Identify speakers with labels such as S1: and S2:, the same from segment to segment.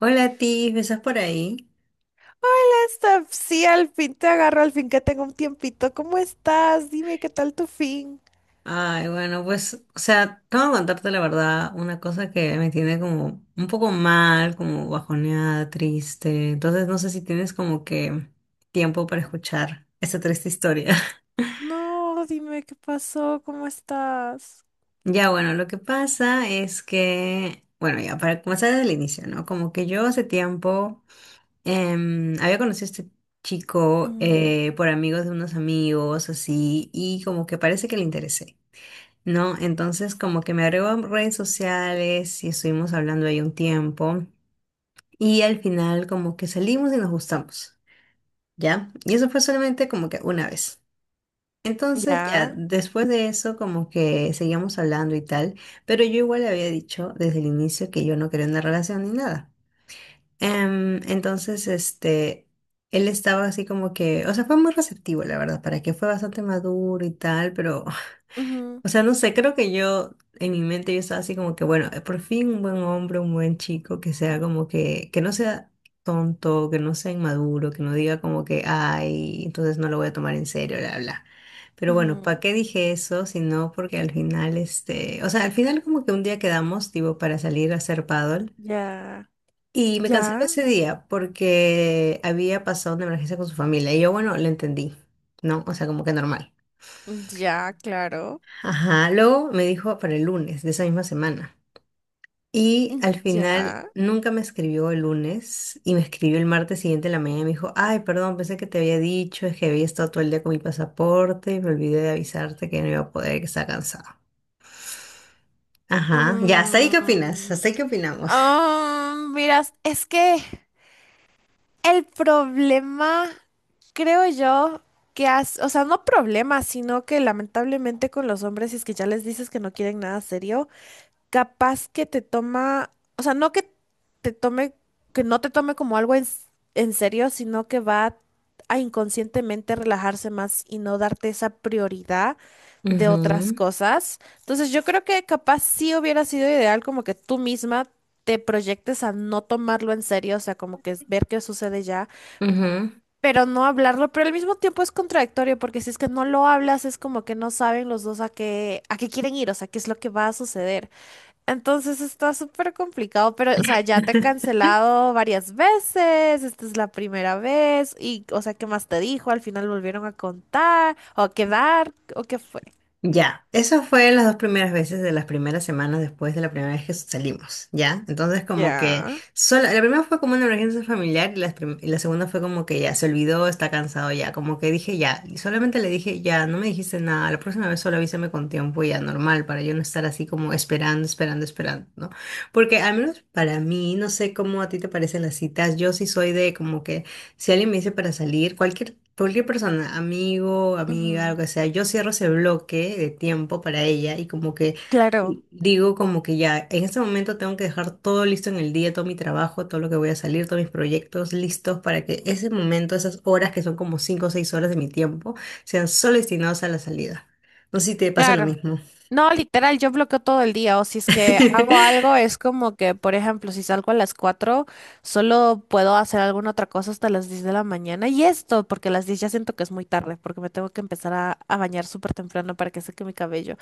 S1: Hola, Tiff, ¿estás por ahí?
S2: Hola. Hasta, sí, al fin te agarro, al fin que tengo un tiempito. ¿Cómo estás? Dime, ¿qué tal tu fin?
S1: Ay, bueno, pues, o sea, tengo que contarte la verdad, una cosa que me tiene como un poco mal, como bajoneada, triste. Entonces, no sé si tienes como que tiempo para escuchar esta triste historia.
S2: No, dime qué pasó, ¿cómo estás?
S1: Ya, bueno, lo que pasa es que, bueno, ya para comenzar desde el inicio, ¿no? Como que yo hace tiempo había conocido a este chico
S2: Mm,
S1: por amigos de unos amigos, así, y como que parece que le interesé, ¿no? Entonces como que me agregó a redes sociales y estuvimos hablando ahí un tiempo y al final como que salimos y nos gustamos, ¿ya? Y eso fue solamente como que una vez. Entonces ya
S2: ya,
S1: después de eso como que seguíamos hablando y tal, pero yo igual le había dicho desde el inicio que yo no quería una relación ni nada. Entonces este... Él estaba así como que, o sea, fue muy receptivo, la verdad, para que fue bastante maduro y tal, pero...
S2: ujú,
S1: O sea, no sé, creo que yo, en mi mente yo estaba así como que, bueno, por fin un buen hombre, un buen chico, que sea como que no sea tonto, que no sea inmaduro, que no diga como que, ay, entonces no lo voy a tomar en serio, bla, bla. Pero bueno, ¿para
S2: ujú,
S1: qué dije eso? Sino porque al final, este, o sea, al final como que un día quedamos, tipo, para salir a hacer paddle.
S2: ya,
S1: Y me canceló
S2: ya,
S1: ese día porque había pasado una emergencia con su familia. Y yo, bueno, lo entendí, ¿no? O sea, como que normal.
S2: ya, claro,
S1: Ajá, luego me dijo para el lunes de esa misma semana. Y
S2: mm,
S1: al final
S2: ya.
S1: nunca me escribió el lunes y me escribió el martes siguiente en la mañana y me dijo, ay, perdón, pensé que te había dicho, es que había estado todo el día con mi pasaporte y me olvidé de avisarte que no iba a poder, que estaba cansado. Ajá, ya, hasta ahí qué opinas,
S2: Mm.
S1: hasta ahí qué opinamos.
S2: Ah, miras, es que el problema, creo yo, que has, o sea, no problema, sino que lamentablemente con los hombres, si es que ya les dices que no quieren nada serio, capaz que te toma, o sea, no que te tome, que no te tome como algo en serio, sino que va a inconscientemente relajarse más y no darte esa prioridad de otras
S1: Ujú,
S2: cosas. Entonces, yo creo que capaz sí hubiera sido ideal como que tú misma te proyectes a no tomarlo en serio, o sea, como que es ver qué sucede ya,
S1: ujú.
S2: pero no hablarlo, pero al mismo tiempo es contradictorio, porque si es que no lo hablas, es como que no saben los dos a qué quieren ir, o sea, qué es lo que va a suceder. Entonces está súper complicado, pero, o sea, ya te he cancelado varias veces, esta es la primera vez, y, o sea, ¿qué más te dijo? Al final volvieron a contar, o a quedar, o qué fue.
S1: Ya, eso fue las dos primeras veces de las primeras semanas después de la primera vez que salimos, ¿ya? Entonces como que
S2: Ya.
S1: solo, la primera fue como una emergencia familiar y la segunda fue como que ya se olvidó, está cansado ya, como que dije ya, y solamente le dije ya, no me dijiste nada, la próxima vez solo avísame con tiempo ya normal para yo no estar así como esperando, esperando, esperando, ¿no? Porque al menos para mí, no sé cómo a ti te parecen las citas, yo sí soy de como que si alguien me dice para salir, cualquier, cualquier persona, amigo, amiga, lo
S2: Ujú.
S1: que sea, yo cierro ese bloque de tiempo para ella y como que
S2: Claro,
S1: digo como que ya, en este momento tengo que dejar todo listo en el día, todo mi trabajo, todo lo que voy a salir, todos mis proyectos listos para que ese momento, esas horas que son como 5 o 6 horas de mi tiempo, sean solo destinados a la salida. No sé si te pasa lo
S2: claro.
S1: mismo.
S2: No, literal, yo bloqueo todo el día, o si es que hago algo, es como que, por ejemplo, si salgo a las 4, solo puedo hacer alguna otra cosa hasta las 10 de la mañana, y esto, porque a las 10 ya siento que es muy tarde, porque me tengo que empezar a bañar súper temprano para que seque mi cabello,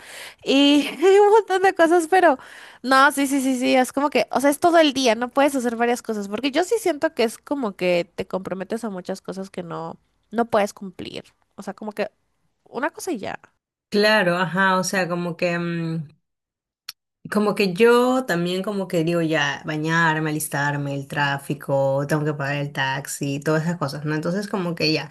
S2: y un montón de cosas, pero no, sí, sí, sí, sí, es como que, o sea, es todo el día, no puedes hacer varias cosas, porque yo sí siento que es como que te comprometes a muchas cosas que no, no puedes cumplir, o sea, como que una cosa y ya.
S1: Claro, ajá, o sea, como que... mm, como que yo también como que digo ya, bañarme, alistarme, el tráfico, tengo que pagar el taxi, todas esas cosas, ¿no? Entonces como que ya,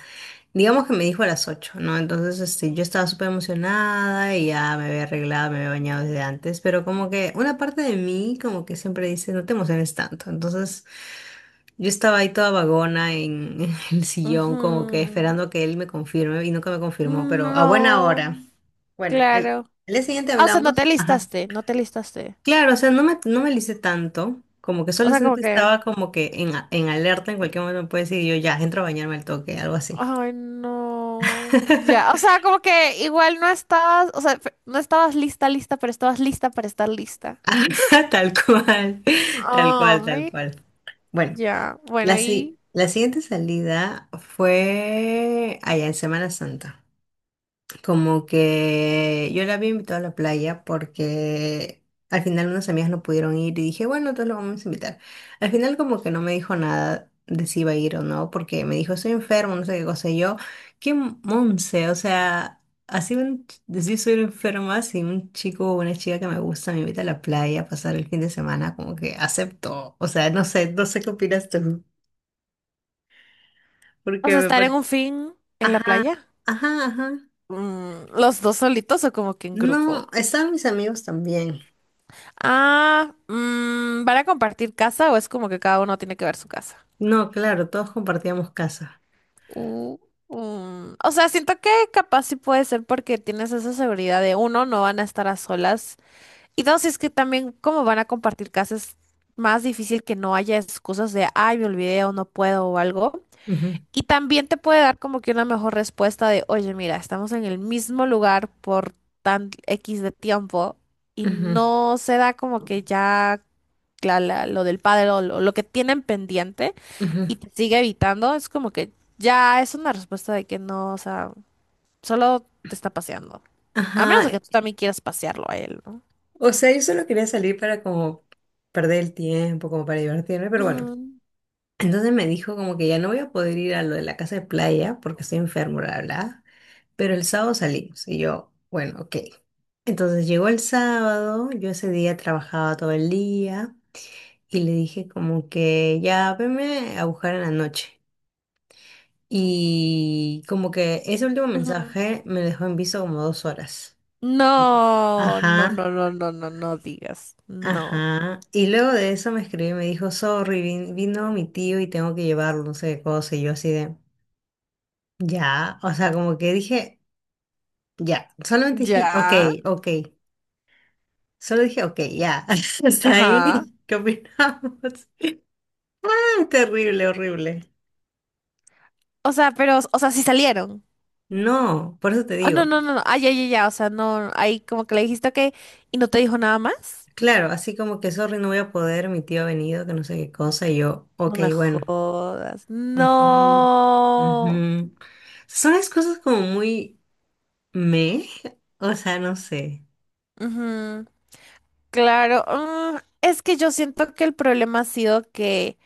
S1: digamos que me dijo a las 8, ¿no? Entonces este, yo estaba súper emocionada y ya me había arreglado, me había bañado desde antes, pero como que una parte de mí como que siempre dice, no te emociones tanto. Entonces yo estaba ahí toda vagona en, en el sillón como que
S2: Ujú.
S1: esperando que él me confirme y nunca me confirmó, pero a buena
S2: No,
S1: hora. Bueno, al,
S2: claro.
S1: al día siguiente
S2: Ah, o sea, no te
S1: hablamos. Ajá.
S2: listaste, no te listaste.
S1: Claro, o sea, no me alicé tanto, como que
S2: O sea, como
S1: solamente
S2: que,
S1: estaba como que en alerta, en cualquier momento me puede decir yo ya, entro a bañarme al toque, algo así.
S2: ay, no. Ya, o sea, como que igual no estabas, o sea, no estabas lista, lista, pero estabas lista para estar lista.
S1: Ah, tal cual, tal cual, tal
S2: Ay,
S1: cual. Bueno,
S2: ya. Bueno,
S1: la, si-
S2: y,
S1: la siguiente salida fue allá en Semana Santa. Como que yo la había invitado a la playa porque al final unas amigas no pudieron ir y dije, bueno, entonces lo vamos a invitar. Al final como que no me dijo nada de si iba a ir o no, porque me dijo, estoy enfermo, no sé qué cosa. Y yo, qué monce, o sea, así un, decir soy enferma, si un chico o una chica que me gusta me invita a la playa a pasar el fin de semana, como que acepto. O sea, no sé, no sé qué opinas tú,
S2: o
S1: porque
S2: sea,
S1: me
S2: estar en
S1: parece...
S2: un fin en la playa.
S1: Ajá, ajá.
S2: Mm, ¿los dos solitos o como que en
S1: No,
S2: grupo?
S1: estaban mis amigos también.
S2: Ah, mm, ¿van a compartir casa o es como que cada uno tiene que ver su casa?
S1: No, claro, todos compartíamos casa.
S2: Uh, O sea, siento que capaz sí puede ser porque tienes esa seguridad de uno, no van a estar a solas. Y dos, es que también como van a compartir casas, es más difícil que no haya excusas de, ay, me olvidé o no puedo o algo.
S1: Ujú,
S2: Y también te puede dar como que una mejor respuesta de, oye, mira, estamos en el mismo lugar por tan X de tiempo y
S1: ujú,
S2: no se da como que ya lo del padre o lo que tienen pendiente
S1: ujú.
S2: y te sigue evitando, es como que ya es una respuesta de que no, o sea, solo te está paseando. A menos
S1: Ajá.
S2: de que tú también quieras pasearlo a él, ¿no?
S1: O sea, yo solo quería salir para como perder el tiempo, como para divertirme, pero bueno.
S2: Ujú,
S1: Entonces me dijo como que ya no voy a poder ir a lo de la casa de playa porque estoy enfermo, bla, bla, bla. Pero el sábado salimos y yo, bueno, ok. Entonces llegó el sábado, yo ese día trabajaba todo el día y le dije como que ya veme a buscar en la noche. Y como que ese último
S2: ujú.
S1: mensaje me dejó en visto como 2 horas.
S2: No, no,
S1: Ajá,
S2: no, no, no, no, no digas, no.
S1: ajá. Y luego de eso me escribió y me dijo, sorry, vino mi tío y tengo que llevarlo, no sé qué cosa. Y yo así de, ya. O sea, como que dije, ya. Solamente dije, ok,
S2: Ya,
S1: ok. Solo dije, ok, ya. Hasta
S2: ajá.
S1: ahí. ¿Qué opinamos? Terrible, horrible.
S2: O sea, pero, o sea, sí salieron.
S1: No, por eso te
S2: Ah, no,
S1: digo.
S2: no, no, no. Ah, ya, ya, ya. O sea, no, ahí como que le dijiste que y no te dijo nada más.
S1: Claro, así como que sorry, no voy a poder, mi tío ha venido, que no sé qué cosa, y yo, ok,
S2: No me
S1: bueno.
S2: jodas.
S1: Ujú,
S2: No.
S1: ujú. Son las cosas como muy me, o sea, no sé.
S2: Ujú, claro. Mm, es que yo siento que el problema ha sido que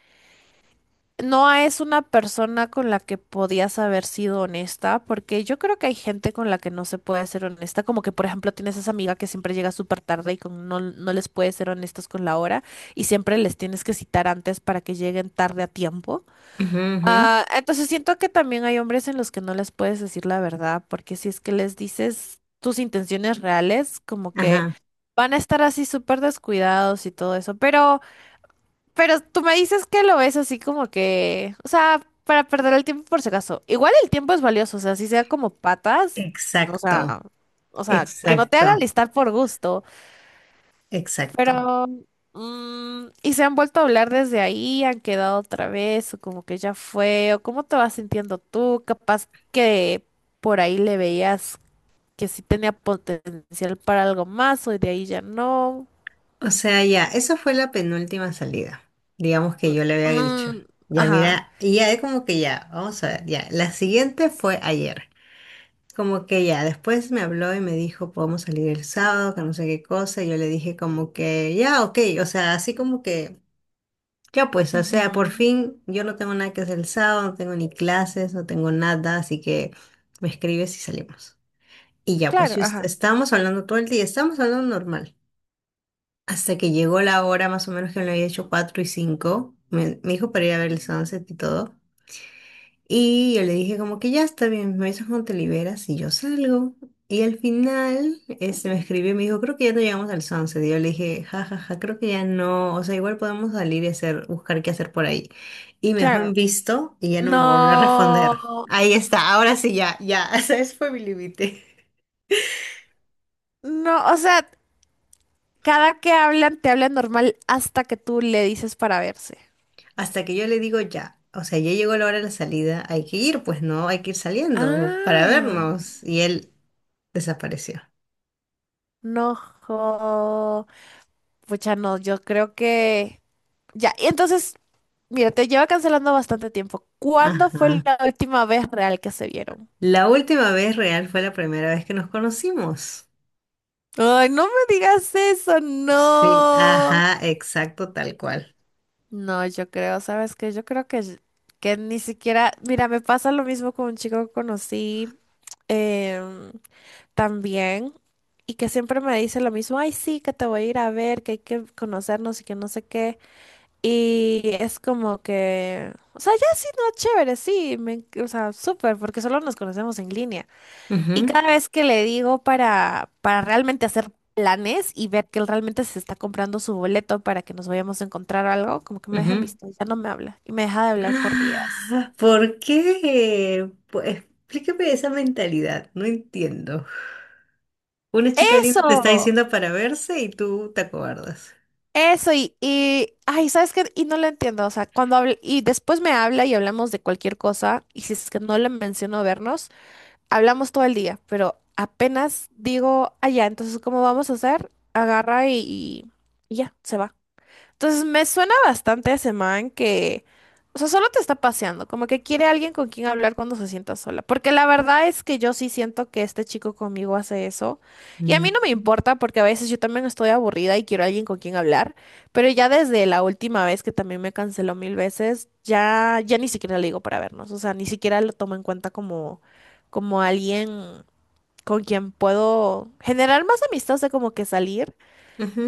S2: Noah es una persona con la que podías haber sido honesta, porque yo creo que hay gente con la que no se puede ser honesta, como que por ejemplo tienes esa amiga que siempre llega súper tarde y con, no, no les puedes ser honestos con la hora y siempre les tienes que citar antes para que lleguen tarde a tiempo.
S1: Ujú, ujú,
S2: Ah, entonces siento que también hay hombres en los que no les puedes decir la verdad, porque si es que les dices tus intenciones reales, como que
S1: ajá.
S2: van a estar así súper descuidados y todo eso, pero... Pero tú me dices que lo ves así como que, o sea, para perder el tiempo por si acaso. Igual el tiempo es valioso, o sea, si sea como patas, no,
S1: Exacto,
S2: o sea, que no te haga
S1: exacto,
S2: listar por gusto.
S1: exacto.
S2: Pero, mm, y se han vuelto a hablar desde ahí, han quedado otra vez, o como que ya fue, o cómo te vas sintiendo tú, capaz que por ahí le veías que sí tenía potencial para algo más, o de ahí ya no.
S1: O sea, ya, esa fue la penúltima salida, digamos que
S2: Mm,
S1: yo le había dicho.
S2: mm,
S1: Ya,
S2: ajá,
S1: mira, y ya es como que ya, vamos a ver, ya. La siguiente fue ayer. Como que ya, después me habló y me dijo, podemos salir el sábado, que no sé qué cosa. Y yo le dije como que, ya, ok, o sea, así como que... Ya pues, o sea, por
S2: ujú.
S1: fin yo no tengo nada que hacer el sábado, no tengo ni clases, no tengo nada, así que me escribes y salimos. Y ya pues,
S2: Claro,
S1: yo
S2: ajá.
S1: estábamos hablando todo el día, estábamos hablando normal. Hasta que llegó la hora más o menos que me lo había hecho 4 y 5 me dijo para ir a ver el sunset y todo. Y yo le dije como que ya está bien, me avisas cuando te liberas y yo salgo. Y al final este, me escribió y me dijo, creo que ya no llegamos al sunset. Y yo le dije, ja, ja, ja, creo que ya no, o sea, igual podemos salir y hacer, buscar qué hacer por ahí. Y me dejó en
S2: Claro.
S1: visto y ya no me volvió a responder.
S2: No,
S1: Ahí está, ahora sí ya, ya, fue mi límite.
S2: no, o sea, cada que hablan, te hablan normal hasta que tú le dices para verse.
S1: Hasta que yo le digo ya, o sea, ya llegó la hora de la salida, hay que ir, pues no, hay que ir saliendo para
S2: Ah,
S1: vernos. Y él desapareció.
S2: no, jo. Pucha, no, yo creo que... Ya, y entonces, mira, te lleva cancelando bastante tiempo. ¿Cuándo fue
S1: Ajá.
S2: la última vez real que se vieron?
S1: La última vez real fue la primera vez que nos conocimos.
S2: Ay, no me digas eso,
S1: Sí,
S2: no.
S1: ajá, exacto, tal cual.
S2: No, yo creo, ¿sabes qué? Yo creo que ni siquiera, mira, me pasa lo mismo con un chico que conocí em, también y que siempre me dice lo mismo, ay, sí, que te voy a ir a ver, que hay que conocernos y que no sé qué. Y es como que, o sea, ya sí, no, chévere, sí, me, o sea, súper, porque solo nos conocemos en línea. Y
S1: Ujú,
S2: cada vez que le digo para realmente hacer planes y ver que él realmente se está comprando su boleto para que nos vayamos a encontrar o algo, como que me deja en
S1: ujú.
S2: visto, ya no me habla y me deja de hablar por días.
S1: Ah, ¿por qué? Pues, explícame esa mentalidad, no entiendo. Una chica linda te está
S2: Eso,
S1: diciendo para verse y tú te acobardas.
S2: eso y ay, ¿sabes qué? Y no lo entiendo, o sea, cuando hablo, y después me habla y hablamos de cualquier cosa y si es que no le menciono vernos, hablamos todo el día, pero apenas digo, allá, entonces, ¿cómo vamos a hacer? Agarra y ya, se va. Entonces me suena bastante a ese man que, o sea, solo te está paseando, como que quiere alguien con quien hablar cuando se sienta sola. Porque la verdad es que yo sí siento que este chico conmigo hace eso. Y a
S1: Mm,
S2: mí no me importa porque a veces yo también estoy aburrida y quiero alguien con quien hablar. Pero ya desde la última vez que también me canceló mil veces, ya, ya ni siquiera le digo para vernos. O sea, ni siquiera lo tomo en cuenta como, como alguien con quien puedo generar más amistad, de como que salir.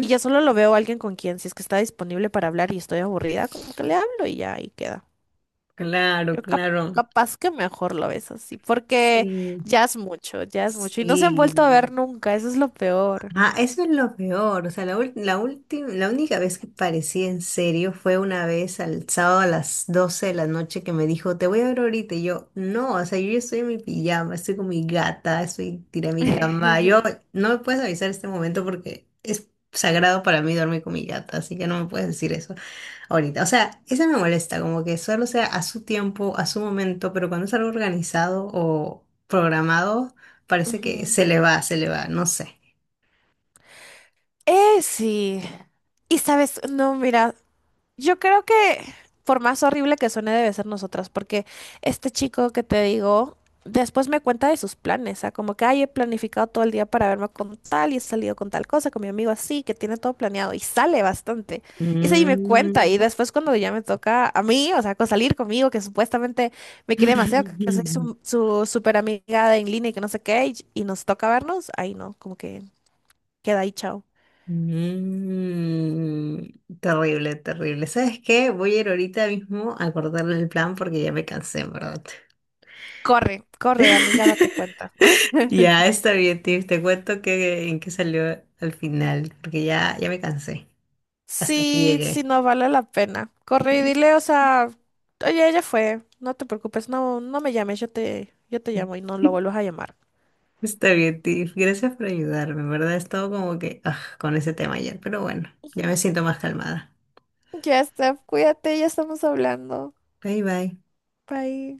S2: Y ya solo lo veo a alguien con quien, si es que está disponible para hablar y estoy aburrida, como que le hablo y ya ahí queda.
S1: claro,
S2: Yo cap-
S1: claro.
S2: Capaz que mejor lo ves así, porque
S1: Sí,
S2: ya es mucho, ya es mucho. Y no se han vuelto a
S1: sí.
S2: ver nunca, eso es lo peor.
S1: Ah, eso es lo peor. O sea, la última, la única vez que parecía en serio fue una vez al sábado a las 12 de la noche que me dijo, te voy a ver ahorita. Y yo, no, o sea, yo ya estoy en mi pijama, estoy con mi gata, estoy tirada en mi cama. Yo, no me puedes avisar este momento porque es sagrado para mí dormir con mi gata, así que no me puedes decir eso ahorita. O sea, eso me molesta, como que solo sea a su tiempo, a su momento, pero cuando es algo organizado o programado, parece que
S2: Ujú.
S1: se le va, no sé.
S2: Sí. Y sabes, no, mira, yo creo que, por más horrible que suene, debe ser nosotras, porque este chico que te digo, después me cuenta de sus planes, o sea, como que, ay, he planificado todo el día para verme con tal y he salido con tal cosa, con mi amigo así, que tiene todo planeado y sale bastante. Y sí, me cuenta
S1: Mm.
S2: y después cuando ya me toca a mí, o sea, con salir conmigo, que supuestamente me quiere demasiado, que soy su, su super amiga de en línea y que no sé qué, y nos toca vernos, ahí no, como que queda ahí, chao.
S1: Mm. Terrible, terrible. ¿Sabes qué? Voy a ir ahorita mismo a cortarle el plan porque ya me cansé, ¿en verdad?
S2: Corre, corre, amiga, date cuenta.
S1: Ya está bien, Tiff. Te cuento que en qué salió al final, porque ya, ya me cansé. Hasta aquí
S2: Sí, sí,
S1: llegué.
S2: no vale la pena. Corre y dile, o sea, oye, ella fue, no te preocupes, no, no me llames, yo te llamo y no lo vuelvas a llamar.
S1: Está bien, Tiff. Gracias por ayudarme, ¿en verdad? He estado como que ah, con ese tema ayer, pero bueno, ya me
S2: Ujú.
S1: siento más calmada.
S2: Ya, Steph, cuídate, ya estamos hablando.
S1: Bye, bye.
S2: Bye.